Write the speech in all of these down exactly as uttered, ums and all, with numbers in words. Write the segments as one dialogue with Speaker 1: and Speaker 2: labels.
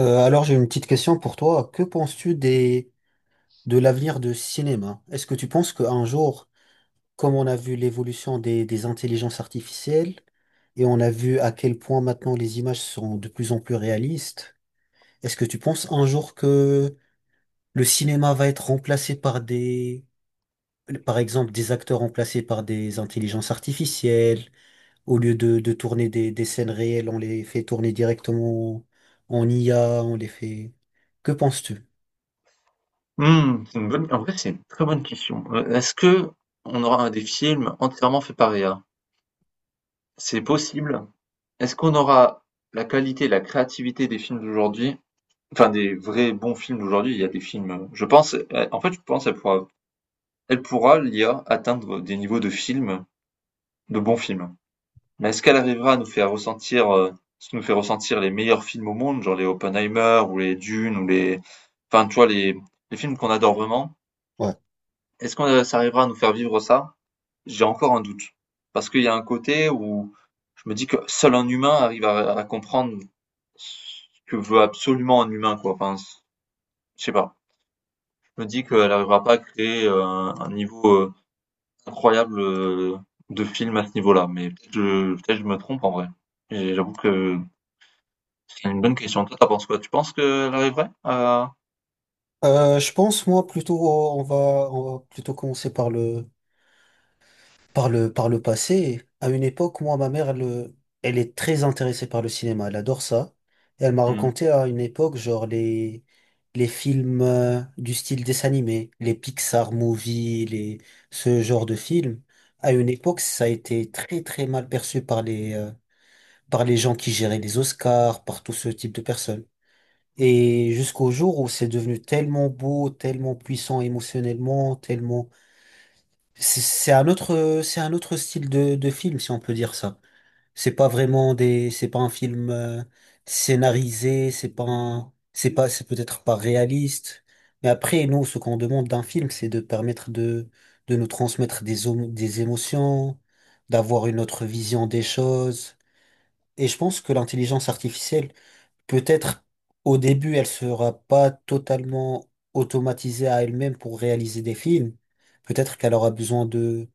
Speaker 1: Euh, alors j'ai une petite question pour toi. Que penses-tu des de l'avenir du cinéma? Est-ce que tu penses qu'un jour, comme on a vu l'évolution des, des intelligences artificielles et on a vu à quel point maintenant les images sont de plus en plus réalistes, est-ce que tu penses un jour que le cinéma va être remplacé par des, par exemple, des acteurs remplacés par des intelligences artificielles, au lieu de, de tourner des, des scènes réelles, on les fait tourner directement en I A, on les fait... Que penses-tu?
Speaker 2: Mmh, c'est une bonne en vrai, c'est une très bonne question. Heu, est-ce que on aura des films entièrement faits par I A? C'est possible. Est-ce qu'on aura la qualité, la créativité des films d'aujourd'hui? Enfin, des vrais bons films d'aujourd'hui, il y a des films, heu, je pense, heu, en fait, je pense qu'elle pourra elle pourra, l'I A, atteindre des niveaux de films, de bons films. Mais est-ce qu'elle arrivera à nous faire ressentir, heu, nous faire ressentir les meilleurs films au monde, genre les Oppenheimer ou les Dune ou les enfin, tu vois, les les films qu'on adore vraiment?
Speaker 1: Ouais.
Speaker 2: Est-ce qu'on, heu, ça arrivera à nous faire vivre ça? J'ai encore un doute. Parce qu'il y a un côté où je me dis que seul un humain arrive à, à comprendre ce que veut absolument un humain, quoi. Enfin, c- je sais pas. Je me dis qu'elle n'arrivera pas à créer euh, un, un niveau euh, incroyable euh, de film à ce niveau-là. Mais peut-être que- je, peut-être que je me trompe en vrai. Et j'avoue que c'est une bonne question. Toi, t'en penses quoi? Tu penses qu'elle arriverait à...
Speaker 1: Euh, je pense, moi, plutôt, on va, on va plutôt commencer par le, par le, par le passé. À une époque, moi, ma mère, elle, elle est très intéressée par le cinéma. Elle adore ça. Et elle m'a
Speaker 2: Mhm.
Speaker 1: raconté à une époque, genre, les, les films, euh, du style dessin animé, les Pixar movies, les, ce genre de films. À une époque, ça a été très, très mal perçu par les, euh, par les gens qui géraient les Oscars, par tout ce type de personnes. Et jusqu'au jour où c'est devenu tellement beau, tellement puissant émotionnellement, tellement... C'est c'est un autre, c'est un autre style de, de film, si on peut dire ça. C'est pas vraiment des... C'est pas un film euh, scénarisé, c'est pas un- c'est pas, c'est peut-être pas réaliste. Mais après, nous, ce qu'on demande d'un film, c'est de permettre de, de nous transmettre des, homo- des émotions, d'avoir une autre vision des choses. Et je pense que l'intelligence artificielle peut-être au début, elle sera pas totalement automatisée à elle-même pour réaliser des films. Peut-être qu'elle aura besoin de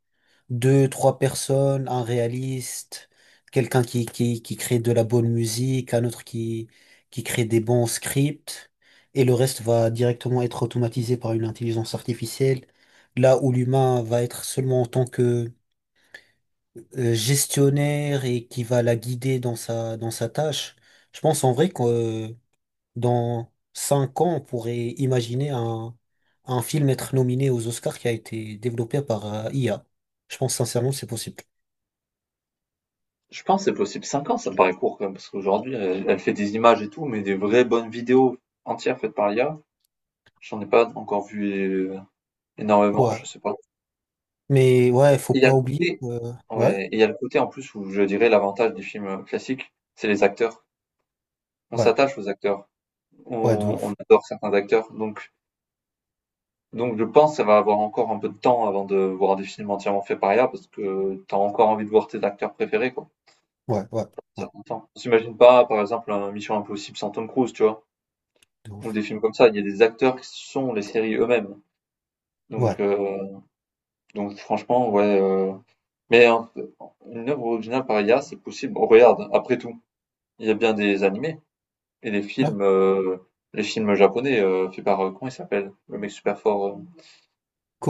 Speaker 1: deux, trois personnes, un réaliste, quelqu'un qui, qui, qui crée de la bonne musique, un autre qui, qui crée des bons scripts, et le reste va directement être automatisé par une intelligence artificielle, là où l'humain va être seulement en tant que euh, gestionnaire et qui va la guider dans sa, dans sa tâche. Je pense en vrai que euh, dans cinq ans, on pourrait imaginer un, un film être nominé aux Oscars qui a été développé par euh, I A. Je pense sincèrement que c'est possible.
Speaker 2: Je pense que c'est possible. Cinq ans, ça me paraît court quand même, parce qu'aujourd'hui, elle, elle fait des images et tout, mais des vraies bonnes vidéos entières faites par l'I A, j'en ai pas encore vu Énormément,
Speaker 1: Ouais.
Speaker 2: je sais pas.
Speaker 1: Mais ouais, faut
Speaker 2: Et Il y a
Speaker 1: pas
Speaker 2: le
Speaker 1: oublier
Speaker 2: côté
Speaker 1: que... Ouais,
Speaker 2: ouais, et il y a le côté en plus où je dirais l'avantage des films, heu, classiques, c'est les acteurs. On
Speaker 1: ouais,
Speaker 2: s'attache aux acteurs,
Speaker 1: ouais, de
Speaker 2: on on
Speaker 1: ouf.
Speaker 2: adore certains acteurs, donc donc je pense que ça va avoir encore un peu de temps avant de voir des films entièrement faits par I A parce que t'as encore envie de voir tes acteurs préférés, quoi,
Speaker 1: Ouais, ouais,
Speaker 2: un
Speaker 1: ouais,
Speaker 2: certain temps. On s'imagine pas, par exemple, un Mission Impossible sans Tom Cruise, tu vois?
Speaker 1: de
Speaker 2: Ou
Speaker 1: ouf.
Speaker 2: des films comme ça, il y a des acteurs qui sont les séries eux-mêmes, donc
Speaker 1: Ouais.
Speaker 2: heu, donc franchement, ouais, heu, mais un une œuvre originale par I A, c'est possible. Regarde, après tout, Il y a bien des animés et les
Speaker 1: Là,
Speaker 2: films, heu, les films japonais, heu, faits par, heu, comment il s'appelle? Le mec super fort, heu,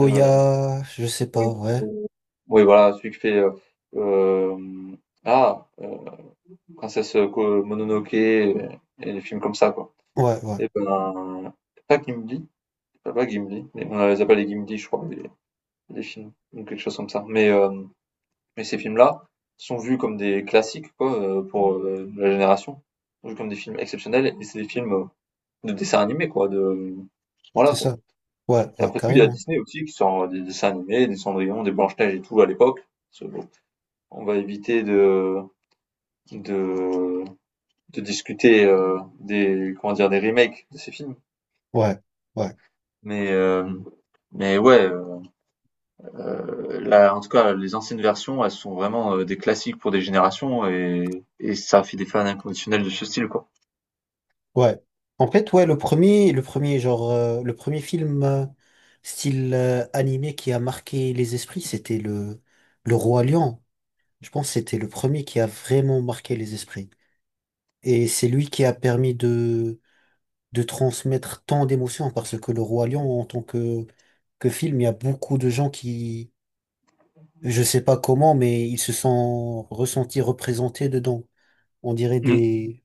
Speaker 2: heu,
Speaker 1: je sais
Speaker 2: oui,
Speaker 1: pas, ouais.
Speaker 2: heu, oui voilà, celui qui fait, heu, hem, ah, heu, Princesse, Ko Mononoke et et les films comme ça quoi.
Speaker 1: Ouais, ouais,
Speaker 2: Et ben, pas Gimli, pas pas Gimli, mais on les appelle les Gimli je crois les les films ou quelque chose comme ça. Mais, hem, mais ces films-là sont vus comme des classiques quoi, heu, pour, heu, la génération, sont vus comme des films exceptionnels et c'est des films, euh, De dessins animés quoi, de voilà
Speaker 1: c'est
Speaker 2: quoi.
Speaker 1: ça. Ouais,
Speaker 2: Et
Speaker 1: ouais,
Speaker 2: après tout, il y a
Speaker 1: carrément.
Speaker 2: Disney aussi qui sort des dessins animés, des Cendrillon, des Blanche-Neige et tout à l'époque. Parce que, bon, On va éviter de de, de discuter euh, des comment dire des remakes de ces films.
Speaker 1: Ouais, ouais.
Speaker 2: Mais euh, mais ouais, euh, là en tout cas les anciennes versions, elles sont vraiment euh, des classiques pour des générations et et ça fait des fans inconditionnels de ce style quoi.
Speaker 1: Ouais. En fait, ouais, le premier, le premier genre, euh, le premier film euh, style euh, animé qui a marqué les esprits, c'était le le Roi Lion. Je pense que c'était le premier qui a vraiment marqué les esprits. Et c'est lui qui a permis de de transmettre tant d'émotions parce que le Roi Lion, en tant que que film, il y a beaucoup de gens qui, je sais pas comment, mais ils se sont ressentis représentés dedans. On dirait
Speaker 2: Mm.
Speaker 1: des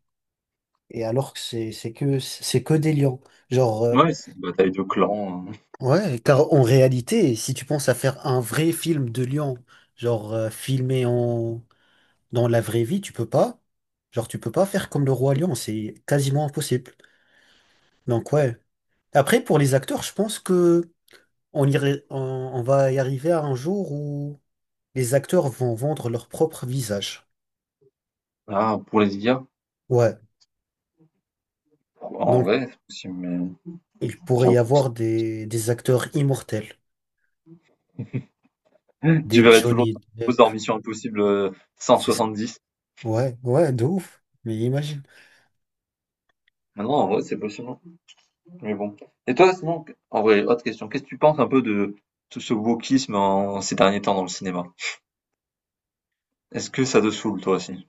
Speaker 1: et alors que c'est c'est que c'est que des lions. Genre. euh,
Speaker 2: Ouais, c'est une bataille de clans. euh.
Speaker 1: Ouais, car en réalité, si tu penses à faire un vrai film de lion, genre, euh, filmé en dans la vraie vie, tu peux pas. Genre tu peux pas faire comme le roi lion, c'est quasiment impossible. Donc ouais. Après pour les acteurs, je pense que on irait- on, on va y arriver à un jour où les acteurs vont vendre leur propre visage.
Speaker 2: Ah, pour les I A,
Speaker 1: Ouais.
Speaker 2: en
Speaker 1: Donc
Speaker 2: vrai, c'est possible, mais
Speaker 1: il pourrait
Speaker 2: j'avoue,
Speaker 1: y avoir des des acteurs immortels,
Speaker 2: Tu
Speaker 1: des
Speaker 2: verrais toujours
Speaker 1: Johnny
Speaker 2: Tom Cruise
Speaker 1: Depp.
Speaker 2: dans Mission Impossible euh,
Speaker 1: C'est ça.
Speaker 2: cent soixante-dix.
Speaker 1: Ouais, ouais, de ouf. Mais imagine.
Speaker 2: Maintenant, en vrai, c'est possible. hein. Mais bon. Et toi, sinon, en vrai, autre question. Qu'est-ce que tu penses un peu de tout ce wokisme en ces derniers temps dans le cinéma? Est-ce que ça te saoule, toi aussi?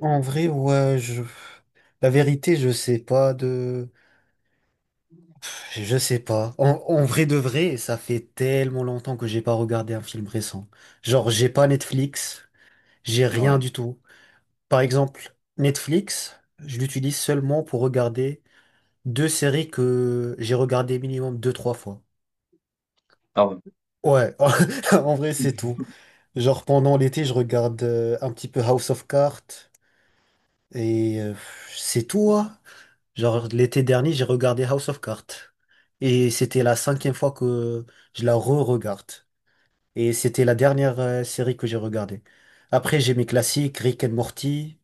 Speaker 1: En vrai, ouais, je... La vérité, je sais pas de... Je sais pas. En, en vrai de vrai, ça fait tellement longtemps que j'ai pas regardé un film récent. Genre, j'ai pas Netflix, j'ai rien
Speaker 2: Ouais.
Speaker 1: du tout. Par exemple, Netflix, je l'utilise seulement pour regarder deux séries que j'ai regardées minimum deux, trois fois.
Speaker 2: Ah ouais.
Speaker 1: Ouais, en vrai, c'est tout. Genre, pendant l'été, je regarde euh, un petit peu House of Cards et euh, c'est tout, hein. Genre, l'été dernier, j'ai regardé House of Cards. Et c'était la cinquième fois que je la re-regarde. Et c'était la dernière euh, série que j'ai regardée. Après, j'ai mes classiques, Rick and Morty.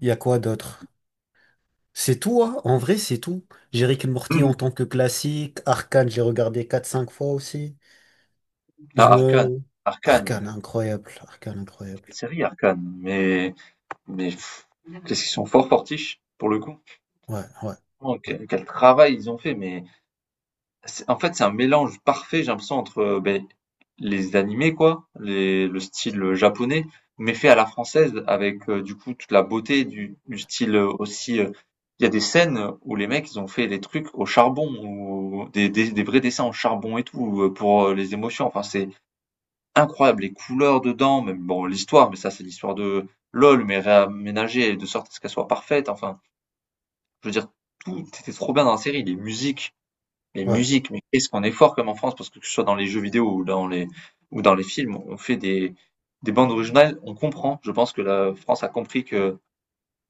Speaker 1: Il y a quoi d'autre? C'est tout, hein. En vrai, c'est tout. J'ai Rick and Morty en tant que classique. Arcane, j'ai regardé quatre cinq fois aussi. Je
Speaker 2: Ah, Arcane.
Speaker 1: me...
Speaker 2: Arcane.
Speaker 1: Arcane, incroyable. Arcane,
Speaker 2: Quelle
Speaker 1: incroyable.
Speaker 2: série, Arcane. Mais, mais, pff, qu'est-ce qu'ils sont fort fortiches, pour le coup.
Speaker 1: Ouais, ouais,
Speaker 2: Oh,
Speaker 1: ouais,
Speaker 2: quel, quel travail ils ont fait, mais. C'est- En fait, c'est un mélange parfait, j'ai l'impression, entre euh, ben, les animés, quoi, les- le style japonais, mais fait à la française, avec euh, du coup toute la beauté du, du, style euh, aussi. euh, Il y a des scènes où les mecs, ils ont fait des trucs au charbon, ou des, des, des vrais dessins au charbon et tout, euh, pour euh, les émotions. Enfin, c'est incroyable, les couleurs dedans, même bon, l'histoire, mais ça, c'est l'histoire de LOL, mais réaménagée de sorte à ce qu'elle soit parfaite. Enfin, je veux dire, tout était trop bien dans la série, les musiques. Les
Speaker 1: ouais,
Speaker 2: musiques, mais qu'est-ce qu'on est fort comme en France, parce que que ce soit dans les jeux vidéo ou dans les ou dans les films, on fait des des bandes originales, on comprend. Je pense que la France a compris que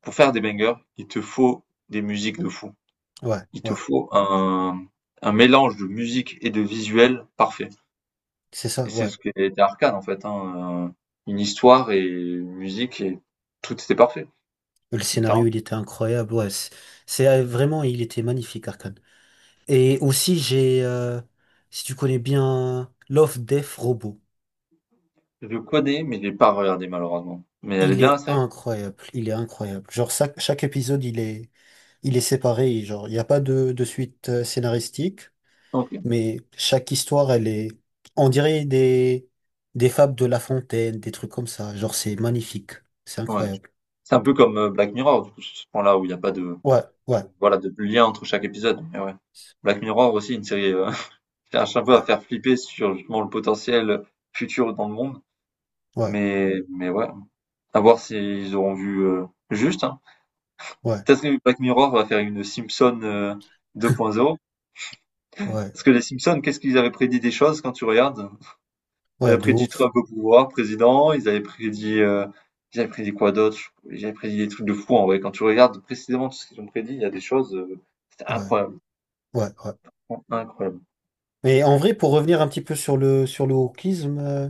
Speaker 2: pour faire des bangers, il te faut des musiques de fou.
Speaker 1: ouais,
Speaker 2: Il te
Speaker 1: ouais.
Speaker 2: faut un un mélange de musique et de visuel parfait.
Speaker 1: C'est ça,
Speaker 2: Et c'est
Speaker 1: ouais.
Speaker 2: ce qui était Arcane en fait, hein, heu, une histoire et une musique et tout était parfait,
Speaker 1: Le scénario,
Speaker 2: littéralement.
Speaker 1: il était incroyable. Ouais, c'est c'est, euh, vraiment, il était magnifique, Arcane. Et aussi, j'ai, euh, si tu connais bien Love, Death, Robot,
Speaker 2: Je connais, mais je l'ai pas regardé malheureusement. Mais elle est
Speaker 1: il
Speaker 2: bien la
Speaker 1: est
Speaker 2: série?
Speaker 1: incroyable, il est incroyable. Genre, chaque, chaque épisode, il est, il est séparé, genre, il n'y a pas de, de suite euh, scénaristique,
Speaker 2: OK,
Speaker 1: mais chaque histoire, elle est, on dirait des, des fables de La Fontaine, des trucs comme ça. Genre, c'est magnifique, c'est
Speaker 2: ouais.
Speaker 1: incroyable.
Speaker 2: C'est un peu comme, heu, Black Mirror du coup sur ce point-là où il y a pas de
Speaker 1: Ouais, ouais,
Speaker 2: voilà, de lien entre chaque épisode. Mais ouais. Black Mirror aussi, une série euh, qui cherche un peu à
Speaker 1: ouais,
Speaker 2: faire flipper sur justement le potentiel futur dans le monde.
Speaker 1: ouais,
Speaker 2: Mais, mais ouais, à voir s'ils auront vu euh, juste. hein.
Speaker 1: ouais,
Speaker 2: Peut-être que Black Mirror va faire une Simpson euh, deux point zéro.
Speaker 1: ouais,
Speaker 2: Parce que les Simpsons, qu'est-ce qu'ils avaient prédit des choses quand tu regardes? Ils
Speaker 1: ouais,
Speaker 2: avaient
Speaker 1: de
Speaker 2: prédit
Speaker 1: ouf,
Speaker 2: Trump au pouvoir, président, ils avaient prédit, euh, ils avaient prédit quoi d'autre? Ils avaient prédit des trucs de fou en vrai. Quand tu regardes précisément tout ce qu'ils ont prédit, il y a des choses, euh, c'était
Speaker 1: ouais,
Speaker 2: incroyable.
Speaker 1: ouais, ouais.
Speaker 2: Incroyable.
Speaker 1: Mais en vrai, pour revenir un petit peu sur le sur le wokisme, euh,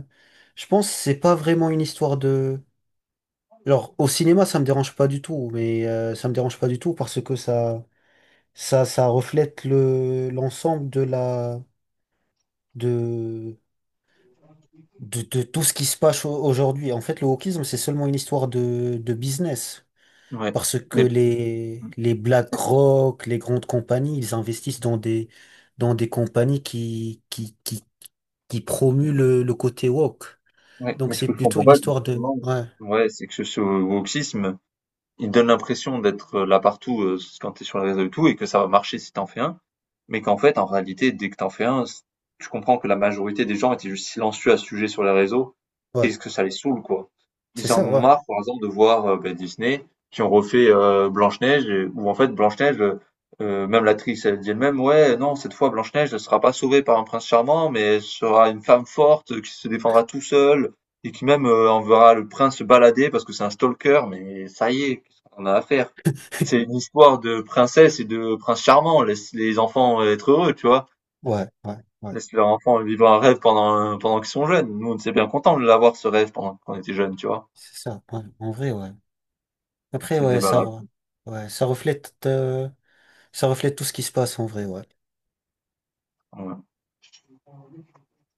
Speaker 1: je pense que c'est pas vraiment une histoire de. Alors au cinéma, ça me dérange pas du tout, mais euh, ça me dérange pas du tout parce que ça ça ça reflète le l'ensemble de la de, de de tout ce qui se passe au- aujourd'hui. En fait, le wokisme, c'est seulement une histoire de de business
Speaker 2: Ouais.
Speaker 1: parce que
Speaker 2: Mais
Speaker 1: les
Speaker 2: Mmh.
Speaker 1: les BlackRock, les grandes compagnies, ils investissent dans des dans des compagnies qui qui qui qui promuent le, le côté woke.
Speaker 2: Ouais, mais
Speaker 1: Donc
Speaker 2: ce
Speaker 1: c'est
Speaker 2: que je
Speaker 1: plutôt
Speaker 2: comprends
Speaker 1: une
Speaker 2: pas
Speaker 1: histoire de...
Speaker 2: justement,
Speaker 1: Ouais,
Speaker 2: c'est ouais, c'est que ce ce wokisme, il donne l'impression d'être, heu, là partout, heu, quand t'es sur les réseaux et tout et que ça va marcher si t'en fais un. Mais qu'en fait, en réalité, dès que t'en fais un, c- tu comprends que la majorité des gens étaient juste silencieux à ce sujet sur les réseaux et
Speaker 1: ouais.
Speaker 2: ce que ça les saoule, quoi.
Speaker 1: C'est
Speaker 2: Ils en
Speaker 1: ça,
Speaker 2: ont
Speaker 1: ouais.
Speaker 2: marre, par exemple, de voir euh, bah, Disney qui ont refait euh, Blanche-Neige, et- où en fait, Blanche-Neige, euh, euh, même l'actrice, elle dit elle-même, ouais, non, cette fois, Blanche-Neige ne sera pas sauvée par un prince charmant, mais elle sera une femme forte euh, qui se défendra tout seule et qui même euh, enverra le prince se balader parce que c'est un stalker, mais ça y est, qu'est-ce qu'on a à faire? C'est une histoire de princesse et de prince charmant. Laisse les enfants être heureux, tu vois?
Speaker 1: Ouais, ouais, ouais.
Speaker 2: Laisse leurs enfants vivre un rêve pendant, euh, pendant qu'ils sont jeunes. Nous, on était bien contents de l'avoir, ce rêve, pendant qu'on était jeunes, tu vois?
Speaker 1: C'est ça, ouais. En vrai, ouais. Après,
Speaker 2: C'est le
Speaker 1: ouais,
Speaker 2: débat
Speaker 1: ça,
Speaker 2: là.
Speaker 1: re- ouais, ça reflète, euh, ça reflète tout ce qui se passe en vrai, ouais.
Speaker 2: Ouais.